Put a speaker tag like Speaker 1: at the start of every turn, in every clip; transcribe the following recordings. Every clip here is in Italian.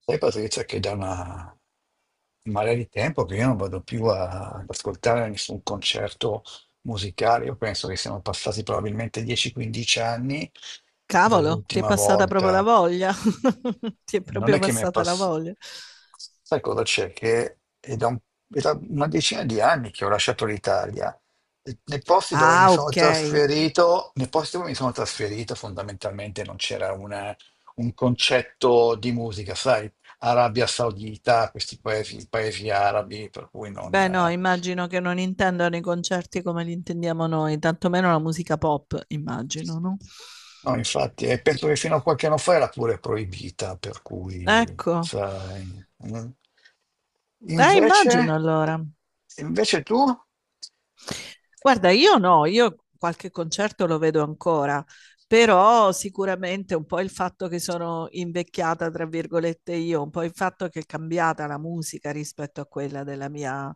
Speaker 1: Sai Patrizia che da una marea di tempo che io non vado più ad ascoltare nessun concerto musicale. Io penso che siano passati probabilmente 10-15 anni
Speaker 2: Cavolo, ti è
Speaker 1: dall'ultima
Speaker 2: passata proprio la
Speaker 1: volta.
Speaker 2: voglia. Ti è
Speaker 1: Non è
Speaker 2: proprio
Speaker 1: che mi è
Speaker 2: passata la
Speaker 1: passato.
Speaker 2: voglia.
Speaker 1: Sai cosa c'è? Che è da, un- È da una decina di anni che ho lasciato l'Italia. E nei posti dove mi
Speaker 2: Ah,
Speaker 1: sono
Speaker 2: ok.
Speaker 1: trasferito, nei posti dove mi sono trasferito, fondamentalmente non c'era una- un concetto di musica, sai? Arabia Saudita, questi paesi, paesi arabi, per cui non.
Speaker 2: Beh, no, immagino che non intendano i concerti come li intendiamo noi, tantomeno la musica pop, immagino, no?
Speaker 1: No, infatti, e penso che fino a qualche anno fa era pure proibita, per cui,
Speaker 2: Ecco.
Speaker 1: sai. Mm. Invece,
Speaker 2: Immagino allora.
Speaker 1: invece tu,
Speaker 2: Guarda, io no, io qualche concerto lo vedo ancora, però sicuramente un po' il fatto che sono invecchiata, tra virgolette, io, un po' il fatto che è cambiata la musica rispetto a quella della mia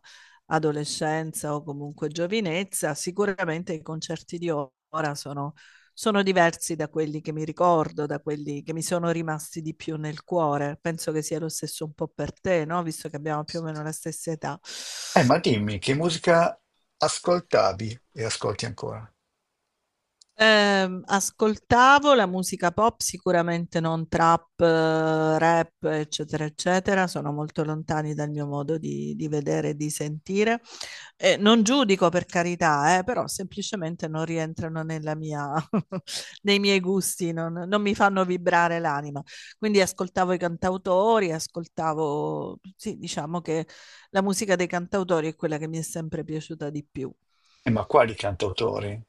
Speaker 2: adolescenza o comunque giovinezza, sicuramente i concerti di ora sono diversi da quelli che mi ricordo, da quelli che mi sono rimasti di più nel cuore. Penso che sia lo stesso un po' per te, no? Visto che abbiamo più o meno la stessa età.
Speaker 1: ma dimmi che musica ascoltavi e ascolti ancora?
Speaker 2: Ascoltavo la musica pop, sicuramente non trap, rap, eccetera, eccetera, sono molto lontani dal mio modo di vedere e di sentire. Non giudico per carità, però semplicemente non rientrano nella mia, nei miei gusti, non mi fanno vibrare l'anima. Quindi ascoltavo i cantautori, ascoltavo, sì, diciamo che la musica dei cantautori è quella che mi è sempre piaciuta di più.
Speaker 1: Ma quali cantautori?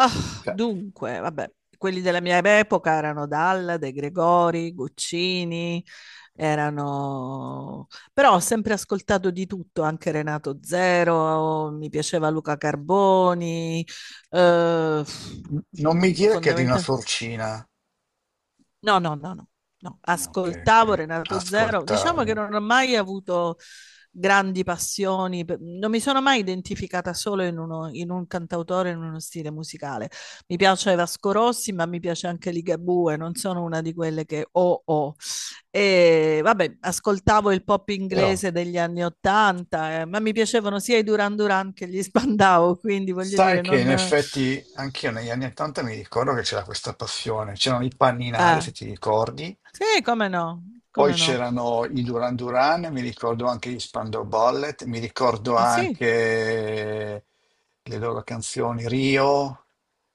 Speaker 2: Ah,
Speaker 1: Ca-
Speaker 2: dunque, vabbè, quelli della mia epoca erano Dalla, De Gregori, Guccini, erano... però ho sempre ascoltato di tutto, anche Renato Zero, mi piaceva Luca Carboni, eh,
Speaker 1: Non mi dire che è di una
Speaker 2: fondamentalmente...
Speaker 1: sorcina.
Speaker 2: No, no, no, no, no.
Speaker 1: Ok,
Speaker 2: Ascoltavo
Speaker 1: ok.
Speaker 2: Renato Zero. Diciamo che
Speaker 1: Ascoltavi.
Speaker 2: non ho mai avuto grandi passioni, non mi sono mai identificata solo in un cantautore, in uno stile musicale. Mi piace Vasco Rossi, ma mi piace anche Ligabue, non sono una di quelle che ho. E vabbè, ascoltavo il pop
Speaker 1: Però
Speaker 2: inglese degli anni Ottanta, ma mi piacevano sia i Duran Duran che gli Spandau, quindi voglio
Speaker 1: sai
Speaker 2: dire,
Speaker 1: che in
Speaker 2: non...
Speaker 1: effetti anch'io negli anni 80 mi ricordo che c'era questa passione, c'erano i panninari, se
Speaker 2: eh,
Speaker 1: ti ricordi.
Speaker 2: sì, come no,
Speaker 1: Poi
Speaker 2: come no.
Speaker 1: c'erano i Duran Duran, mi ricordo anche gli Spandau Ballet, mi ricordo
Speaker 2: Sì,
Speaker 1: anche le loro canzoni Rio,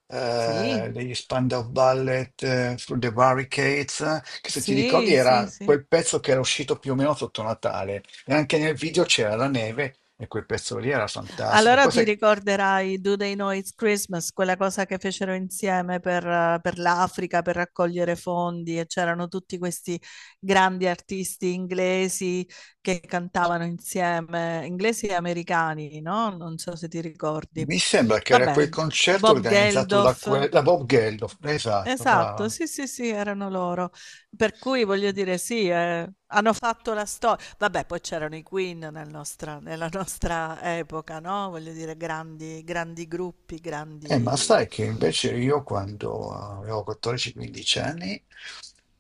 Speaker 2: sì,
Speaker 1: degli Spandau Ballet, Through the Barricades, che se ti ricordi
Speaker 2: sì, sì,
Speaker 1: era
Speaker 2: sì.
Speaker 1: quel pezzo che era uscito più o meno sotto Natale e anche nel video c'era la neve, e quel pezzo lì era fantastico.
Speaker 2: Allora
Speaker 1: Poi
Speaker 2: ti
Speaker 1: sai,
Speaker 2: ricorderai Do They Know It's Christmas, quella cosa che fecero insieme per l'Africa, per raccogliere fondi e c'erano tutti questi grandi artisti inglesi che cantavano insieme, inglesi e americani, no? Non so se ti ricordi.
Speaker 1: mi sembra che era
Speaker 2: Vabbè,
Speaker 1: quel concerto
Speaker 2: Bob
Speaker 1: organizzato
Speaker 2: Geldof.
Speaker 1: da Bob Geldof, esatto,
Speaker 2: Esatto,
Speaker 1: brava.
Speaker 2: sì, sì, sì, erano loro. Per cui voglio dire, sì, hanno fatto la storia. Vabbè, poi c'erano i Queen nella nostra epoca, no? Voglio dire, grandi, grandi gruppi,
Speaker 1: Ma
Speaker 2: grandi.
Speaker 1: sai che invece io quando avevo 14-15 anni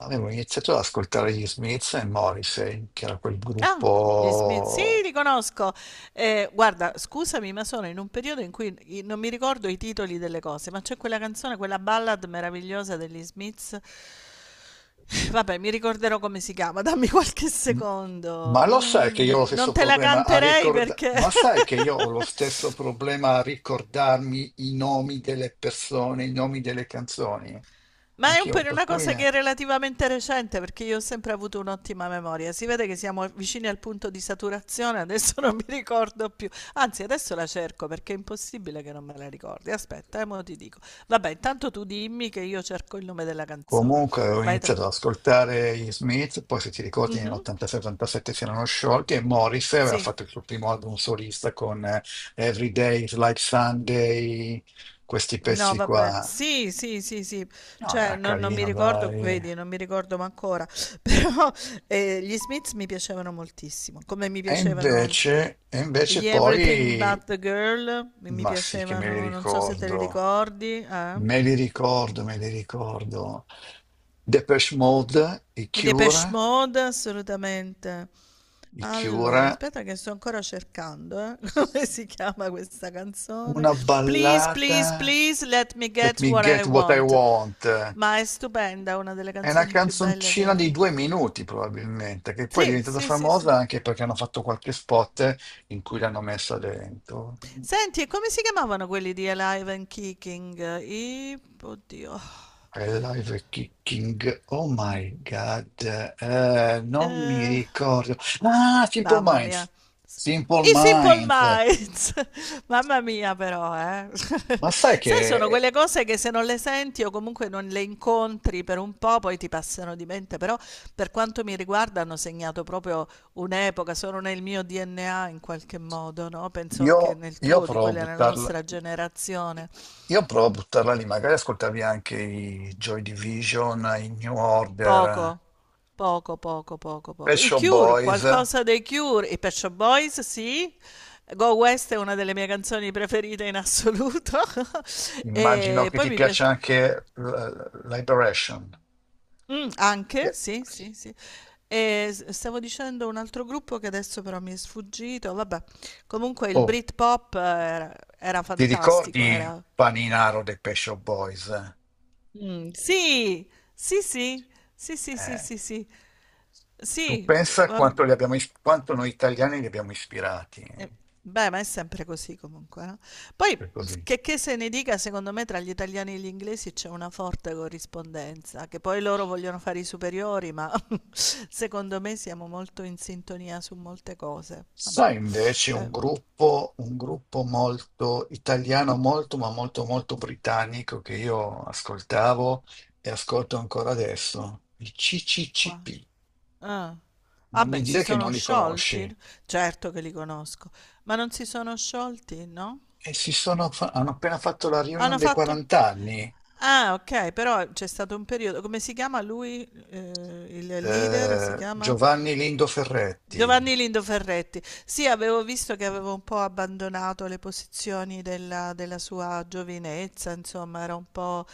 Speaker 1: avevo iniziato ad ascoltare gli Smiths e Morrissey, che era quel
Speaker 2: Ah, gli Smith, sì,
Speaker 1: gruppo...
Speaker 2: li conosco. Guarda, scusami, ma sono in un periodo in cui non mi ricordo i titoli delle cose, ma c'è quella canzone, quella ballad meravigliosa degli Smiths. Vabbè, mi ricorderò come si chiama, dammi qualche secondo.
Speaker 1: Ma lo sai che
Speaker 2: Mm,
Speaker 1: io ho lo
Speaker 2: non
Speaker 1: stesso
Speaker 2: te la
Speaker 1: problema a
Speaker 2: canterei
Speaker 1: ricordarmi...
Speaker 2: perché
Speaker 1: Ma sai che io ho lo stesso problema a ricordarmi i nomi delle persone, i nomi delle canzoni?
Speaker 2: ma è un
Speaker 1: Anch'io,
Speaker 2: per
Speaker 1: per
Speaker 2: una
Speaker 1: cui...
Speaker 2: cosa che è relativamente recente perché io ho sempre avuto un'ottima memoria. Si vede che siamo vicini al punto di saturazione, adesso non mi ricordo più. Anzi, adesso la cerco perché è impossibile che non me la ricordi. Aspetta, mo ti dico. Vabbè, intanto tu dimmi che io cerco il nome della canzone.
Speaker 1: comunque ho
Speaker 2: Vai tra...
Speaker 1: iniziato ad ascoltare gli Smith, poi se ti ricordi
Speaker 2: Mhm.
Speaker 1: nell'86-87 si erano sciolti, e Morrissey aveva
Speaker 2: Sì.
Speaker 1: fatto il suo primo album solista con Every Day is Like Sunday, questi
Speaker 2: No,
Speaker 1: pezzi
Speaker 2: vabbè.
Speaker 1: qua.
Speaker 2: Sì, sì, sì, sì.
Speaker 1: No,
Speaker 2: Cioè,
Speaker 1: era
Speaker 2: non mi
Speaker 1: carino,
Speaker 2: ricordo,
Speaker 1: dai.
Speaker 2: vedi, non mi ricordo ma ancora. Però gli Smiths mi piacevano moltissimo, come mi
Speaker 1: E
Speaker 2: piacevano
Speaker 1: invece, e invece
Speaker 2: gli Everything
Speaker 1: poi,
Speaker 2: But the Girl mi
Speaker 1: ma sì che me li
Speaker 2: piacevano, non so se te li
Speaker 1: ricordo,
Speaker 2: ricordi, eh?
Speaker 1: me li ricordo, me li ricordo. Depeche Mode, i
Speaker 2: I Depeche
Speaker 1: Cure,
Speaker 2: Mode, assolutamente.
Speaker 1: i Cure.
Speaker 2: Allora, aspetta che sto ancora cercando, come si chiama questa canzone?
Speaker 1: Una
Speaker 2: Please,
Speaker 1: ballata,
Speaker 2: please, please, let me
Speaker 1: Let
Speaker 2: get
Speaker 1: Me
Speaker 2: what I
Speaker 1: Get What I
Speaker 2: want.
Speaker 1: Want,
Speaker 2: Ma è stupenda, una delle
Speaker 1: è una
Speaker 2: canzoni più belle che
Speaker 1: canzoncina
Speaker 2: me...
Speaker 1: di due minuti probabilmente, che poi è
Speaker 2: Sì,
Speaker 1: diventata
Speaker 2: sì, sì, sì.
Speaker 1: famosa anche perché hanno fatto qualche spot in cui l'hanno messa dentro.
Speaker 2: Senti, e come si chiamavano quelli di Alive and Kicking? I... Oddio.
Speaker 1: Live Kicking, oh my god, non mi
Speaker 2: Eh...
Speaker 1: ricordo. Ah, Simple
Speaker 2: Mamma
Speaker 1: Minds,
Speaker 2: mia. S
Speaker 1: Simple
Speaker 2: I Simple
Speaker 1: Minds.
Speaker 2: Minds. Mamma mia però, eh.
Speaker 1: Ma sai
Speaker 2: Sai sono
Speaker 1: che
Speaker 2: quelle cose che se non le senti o comunque non le incontri per un po' poi ti passano di mente, però per quanto mi riguarda hanno segnato proprio un'epoca, sono nel mio DNA in qualche modo, no, penso anche
Speaker 1: io,
Speaker 2: nel
Speaker 1: io
Speaker 2: tuo, di
Speaker 1: provo a
Speaker 2: quella nella
Speaker 1: buttarla.
Speaker 2: nostra generazione.
Speaker 1: Io provo a buttarla lì, magari ascoltavi anche i Joy Division, i New Order,
Speaker 2: Poco,
Speaker 1: Pet
Speaker 2: poco. I
Speaker 1: Shop
Speaker 2: Cure,
Speaker 1: Boys,
Speaker 2: qualcosa dei Cure, i Pet Shop Boys, sì. Go West è una delle mie canzoni preferite in assoluto.
Speaker 1: immagino
Speaker 2: E
Speaker 1: che
Speaker 2: poi
Speaker 1: ti
Speaker 2: mi piace
Speaker 1: piaccia anche Liberation.
Speaker 2: mm, anche,
Speaker 1: E-
Speaker 2: sì, sì, sì. Stavo dicendo un altro gruppo che adesso però mi è sfuggito. Vabbè, comunque il
Speaker 1: Oh,
Speaker 2: Britpop era
Speaker 1: ti
Speaker 2: fantastico,
Speaker 1: ricordi
Speaker 2: era
Speaker 1: Paninaro dei Pet Shop Boys?
Speaker 2: mm, sì, sì, sì, sì, sì, sì,
Speaker 1: Eh,
Speaker 2: sì, sì,
Speaker 1: tu
Speaker 2: sì,
Speaker 1: pensa
Speaker 2: va-
Speaker 1: quanto, quanto noi italiani li abbiamo ispirati,
Speaker 2: eh, beh, ma è sempre così comunque, no? Poi,
Speaker 1: per così.
Speaker 2: che se ne dica, secondo me tra gli italiani e gli inglesi c'è una forte corrispondenza, che poi loro vogliono fare i superiori, ma secondo me siamo molto in sintonia su molte cose. Vabbè,
Speaker 1: Sai, invece
Speaker 2: eh,
Speaker 1: un gruppo molto italiano, molto ma molto molto britannico che io ascoltavo e ascolto ancora adesso, i
Speaker 2: qua.
Speaker 1: CCCP.
Speaker 2: Ah.
Speaker 1: Non mi
Speaker 2: Vabbè, si
Speaker 1: dire che
Speaker 2: sono
Speaker 1: non li
Speaker 2: sciolti?
Speaker 1: conosci.
Speaker 2: Certo che li conosco, ma non si sono sciolti, no?
Speaker 1: E hanno appena fatto la reunion
Speaker 2: Hanno
Speaker 1: dei
Speaker 2: fatto...
Speaker 1: 40 anni.
Speaker 2: Ah, ok, però c'è stato un periodo... Come si chiama lui? Il leader si chiama?
Speaker 1: Giovanni Lindo Ferretti.
Speaker 2: Giovanni Lindo Ferretti. Sì, avevo visto che avevo un po' abbandonato le posizioni della sua giovinezza, insomma, era un po'...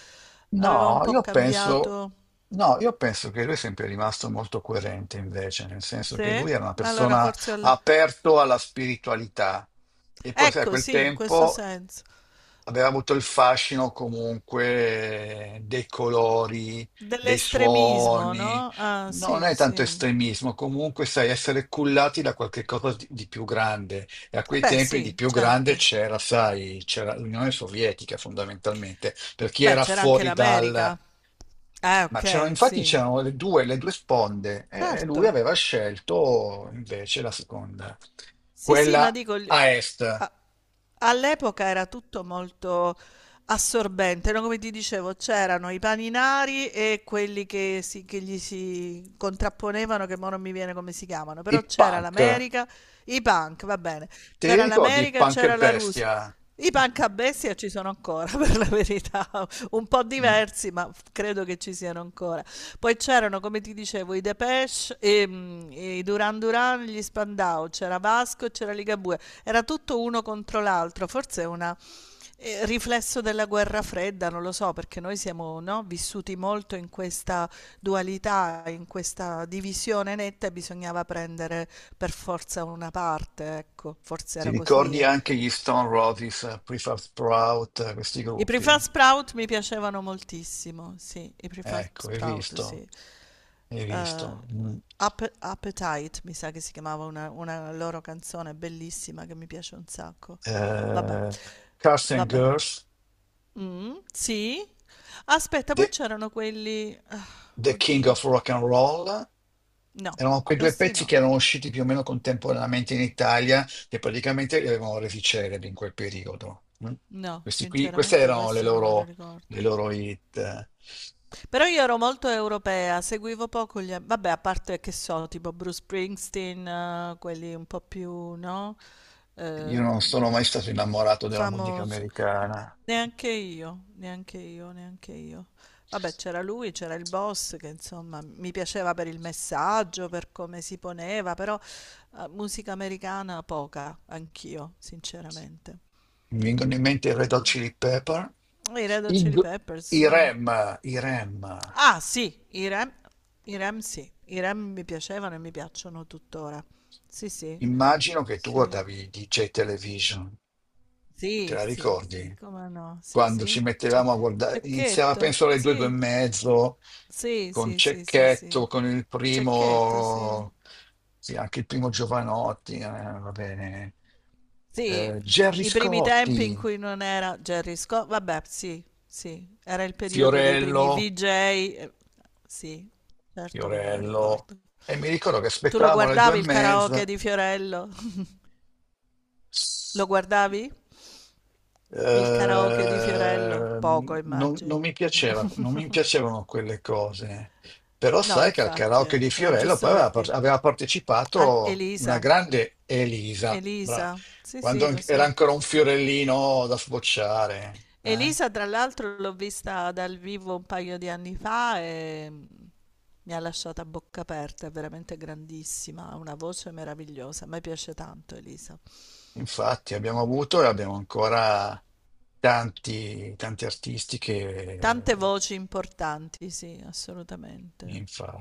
Speaker 2: aveva un
Speaker 1: No,
Speaker 2: po'
Speaker 1: io penso,
Speaker 2: cambiato.
Speaker 1: no, io penso che lui è sempre rimasto molto coerente invece, nel senso
Speaker 2: Sì?
Speaker 1: che lui era una
Speaker 2: Ma allora
Speaker 1: persona
Speaker 2: forse...
Speaker 1: aperto alla spiritualità, e poi sai, a
Speaker 2: Ecco,
Speaker 1: quel
Speaker 2: sì, in questo
Speaker 1: tempo
Speaker 2: senso.
Speaker 1: aveva avuto il fascino comunque dei colori, dei
Speaker 2: Dell'estremismo,
Speaker 1: suoni,
Speaker 2: no? Ah,
Speaker 1: non
Speaker 2: sì,
Speaker 1: è tanto
Speaker 2: sì.
Speaker 1: estremismo. Comunque sai, essere cullati da qualche cosa di più grande, e a quei
Speaker 2: Beh,
Speaker 1: tempi di
Speaker 2: sì,
Speaker 1: più grande
Speaker 2: certo.
Speaker 1: c'era, sai, c'era l'Unione Sovietica fondamentalmente, per chi
Speaker 2: Beh,
Speaker 1: era
Speaker 2: c'era anche
Speaker 1: fuori dal...
Speaker 2: l'America.
Speaker 1: Ma c'erano,
Speaker 2: Ok,
Speaker 1: infatti
Speaker 2: sì.
Speaker 1: c'erano le due sponde, e
Speaker 2: Certo.
Speaker 1: lui aveva scelto invece la seconda,
Speaker 2: Sì, sì, ma
Speaker 1: quella
Speaker 2: dico...
Speaker 1: a est,
Speaker 2: All'epoca era tutto molto assorbente, no? Come ti dicevo, c'erano i paninari e quelli che gli si contrapponevano, che ora non mi viene come si chiamano,
Speaker 1: i
Speaker 2: però c'era
Speaker 1: punk.
Speaker 2: l'America, i punk, va bene,
Speaker 1: Ti
Speaker 2: c'era
Speaker 1: ricordi
Speaker 2: l'America e
Speaker 1: Punk e
Speaker 2: c'era la Russia.
Speaker 1: Bestia?
Speaker 2: I punk a bestia ci sono ancora, per la verità, un po'
Speaker 1: Mm.
Speaker 2: diversi, ma credo che ci siano ancora. Poi c'erano, come ti dicevo, i Depeche, i Duran Duran, gli Spandau, c'era Vasco e c'era Ligabue. Era tutto uno contro l'altro, forse è un riflesso della guerra fredda, non lo so, perché noi siamo, no, vissuti molto in questa dualità, in questa divisione netta e bisognava prendere per forza una parte, ecco, forse
Speaker 1: Ti
Speaker 2: era così.
Speaker 1: ricordi
Speaker 2: Eh.
Speaker 1: anche gli Stone Roses, Prefab Sprout, questi
Speaker 2: I Prefab
Speaker 1: gruppi?
Speaker 2: Sprout mi piacevano moltissimo, sì, i Prefab
Speaker 1: Ecco, hai
Speaker 2: Sprout,
Speaker 1: visto,
Speaker 2: sì.
Speaker 1: hai
Speaker 2: Eh,
Speaker 1: visto. Mm.
Speaker 2: Appetite, mi sa che si chiamava una loro canzone bellissima che mi piace un sacco. Vabbè,
Speaker 1: Eh, Cars and
Speaker 2: vabbè.
Speaker 1: Girls,
Speaker 2: Sì. Aspetta, poi
Speaker 1: The,
Speaker 2: c'erano quelli
Speaker 1: The King
Speaker 2: oddio.
Speaker 1: of Rock and Roll.
Speaker 2: No,
Speaker 1: Erano quei due
Speaker 2: questi
Speaker 1: pezzi che
Speaker 2: no.
Speaker 1: erano usciti più o meno contemporaneamente in Italia, che praticamente li avevano resi celebri in quel periodo. Mm.
Speaker 2: No,
Speaker 1: Questi qui, queste
Speaker 2: sinceramente
Speaker 1: erano
Speaker 2: questi non me li ricordo.
Speaker 1: le loro hit.
Speaker 2: Però io ero molto europea, seguivo poco gli... Vabbè, a parte che so, tipo Bruce Springsteen, quelli un po' più, no?
Speaker 1: Io non
Speaker 2: Ehm,
Speaker 1: sono mai stato innamorato della musica
Speaker 2: famoso.
Speaker 1: americana.
Speaker 2: Neanche io, neanche io, neanche io. Vabbè, c'era lui, c'era il boss che insomma mi piaceva per il messaggio, per come si poneva, però musica americana poca, anch'io, sinceramente.
Speaker 1: Mi vengono in mente i Red Hot Chili Pepper,
Speaker 2: I Red Hot
Speaker 1: i,
Speaker 2: Chili
Speaker 1: G-
Speaker 2: Peppers,
Speaker 1: i
Speaker 2: sì.
Speaker 1: REM, i REM.
Speaker 2: Ah, sì, i Rem sì, i Rem mi piacevano e mi piacciono tuttora. Sì, sì,
Speaker 1: Immagino che tu
Speaker 2: sì,
Speaker 1: guardavi DJ Television, te
Speaker 2: sì,
Speaker 1: la
Speaker 2: sì, sì,
Speaker 1: ricordi?
Speaker 2: come no? Sì,
Speaker 1: Quando ci
Speaker 2: sì, c'è
Speaker 1: mettevamo a guardare, iniziava
Speaker 2: Cecchetto,
Speaker 1: penso alle due, due e
Speaker 2: sì,
Speaker 1: mezzo,
Speaker 2: sì,
Speaker 1: con
Speaker 2: sì, sì, sì, sì.
Speaker 1: Cecchetto, con il
Speaker 2: Cecchetto, sì.
Speaker 1: primo, sì, anche il primo Giovanotti, va bene,
Speaker 2: Sì,
Speaker 1: Gerry
Speaker 2: i primi tempi in
Speaker 1: Scotti,
Speaker 2: cui non era Jerry Scott, vabbè, sì, sì, era il periodo dei primi
Speaker 1: Fiorello.
Speaker 2: VJ, sì, certo che me lo
Speaker 1: Fiorello.
Speaker 2: ricordo.
Speaker 1: E mi ricordo che
Speaker 2: Tu lo
Speaker 1: aspettavamo le due e
Speaker 2: guardavi il karaoke
Speaker 1: mezza.
Speaker 2: di Fiorello? Lo guardavi? Il karaoke di Fiorello? Poco,
Speaker 1: Non
Speaker 2: immagino.
Speaker 1: mi piaceva, non mi piacevano quelle cose. Però
Speaker 2: No,
Speaker 1: sai che al
Speaker 2: infatti,
Speaker 1: karaoke di
Speaker 2: era
Speaker 1: Fiorello
Speaker 2: giusto
Speaker 1: poi
Speaker 2: per dire.
Speaker 1: aveva partecipato una
Speaker 2: Elisa,
Speaker 1: grande Elisa,
Speaker 2: Elisa, sì,
Speaker 1: quando
Speaker 2: sì, lo
Speaker 1: era
Speaker 2: so.
Speaker 1: ancora un fiorellino da sbocciare. Eh.
Speaker 2: Elisa, tra l'altro, l'ho vista dal vivo un paio di anni fa e mm, mi ha lasciata a bocca aperta, è veramente grandissima, ha una voce meravigliosa, a me piace tanto Elisa.
Speaker 1: Infatti abbiamo avuto e abbiamo ancora tanti, tanti artisti che...
Speaker 2: Tante voci importanti, sì, assolutamente.
Speaker 1: infatti.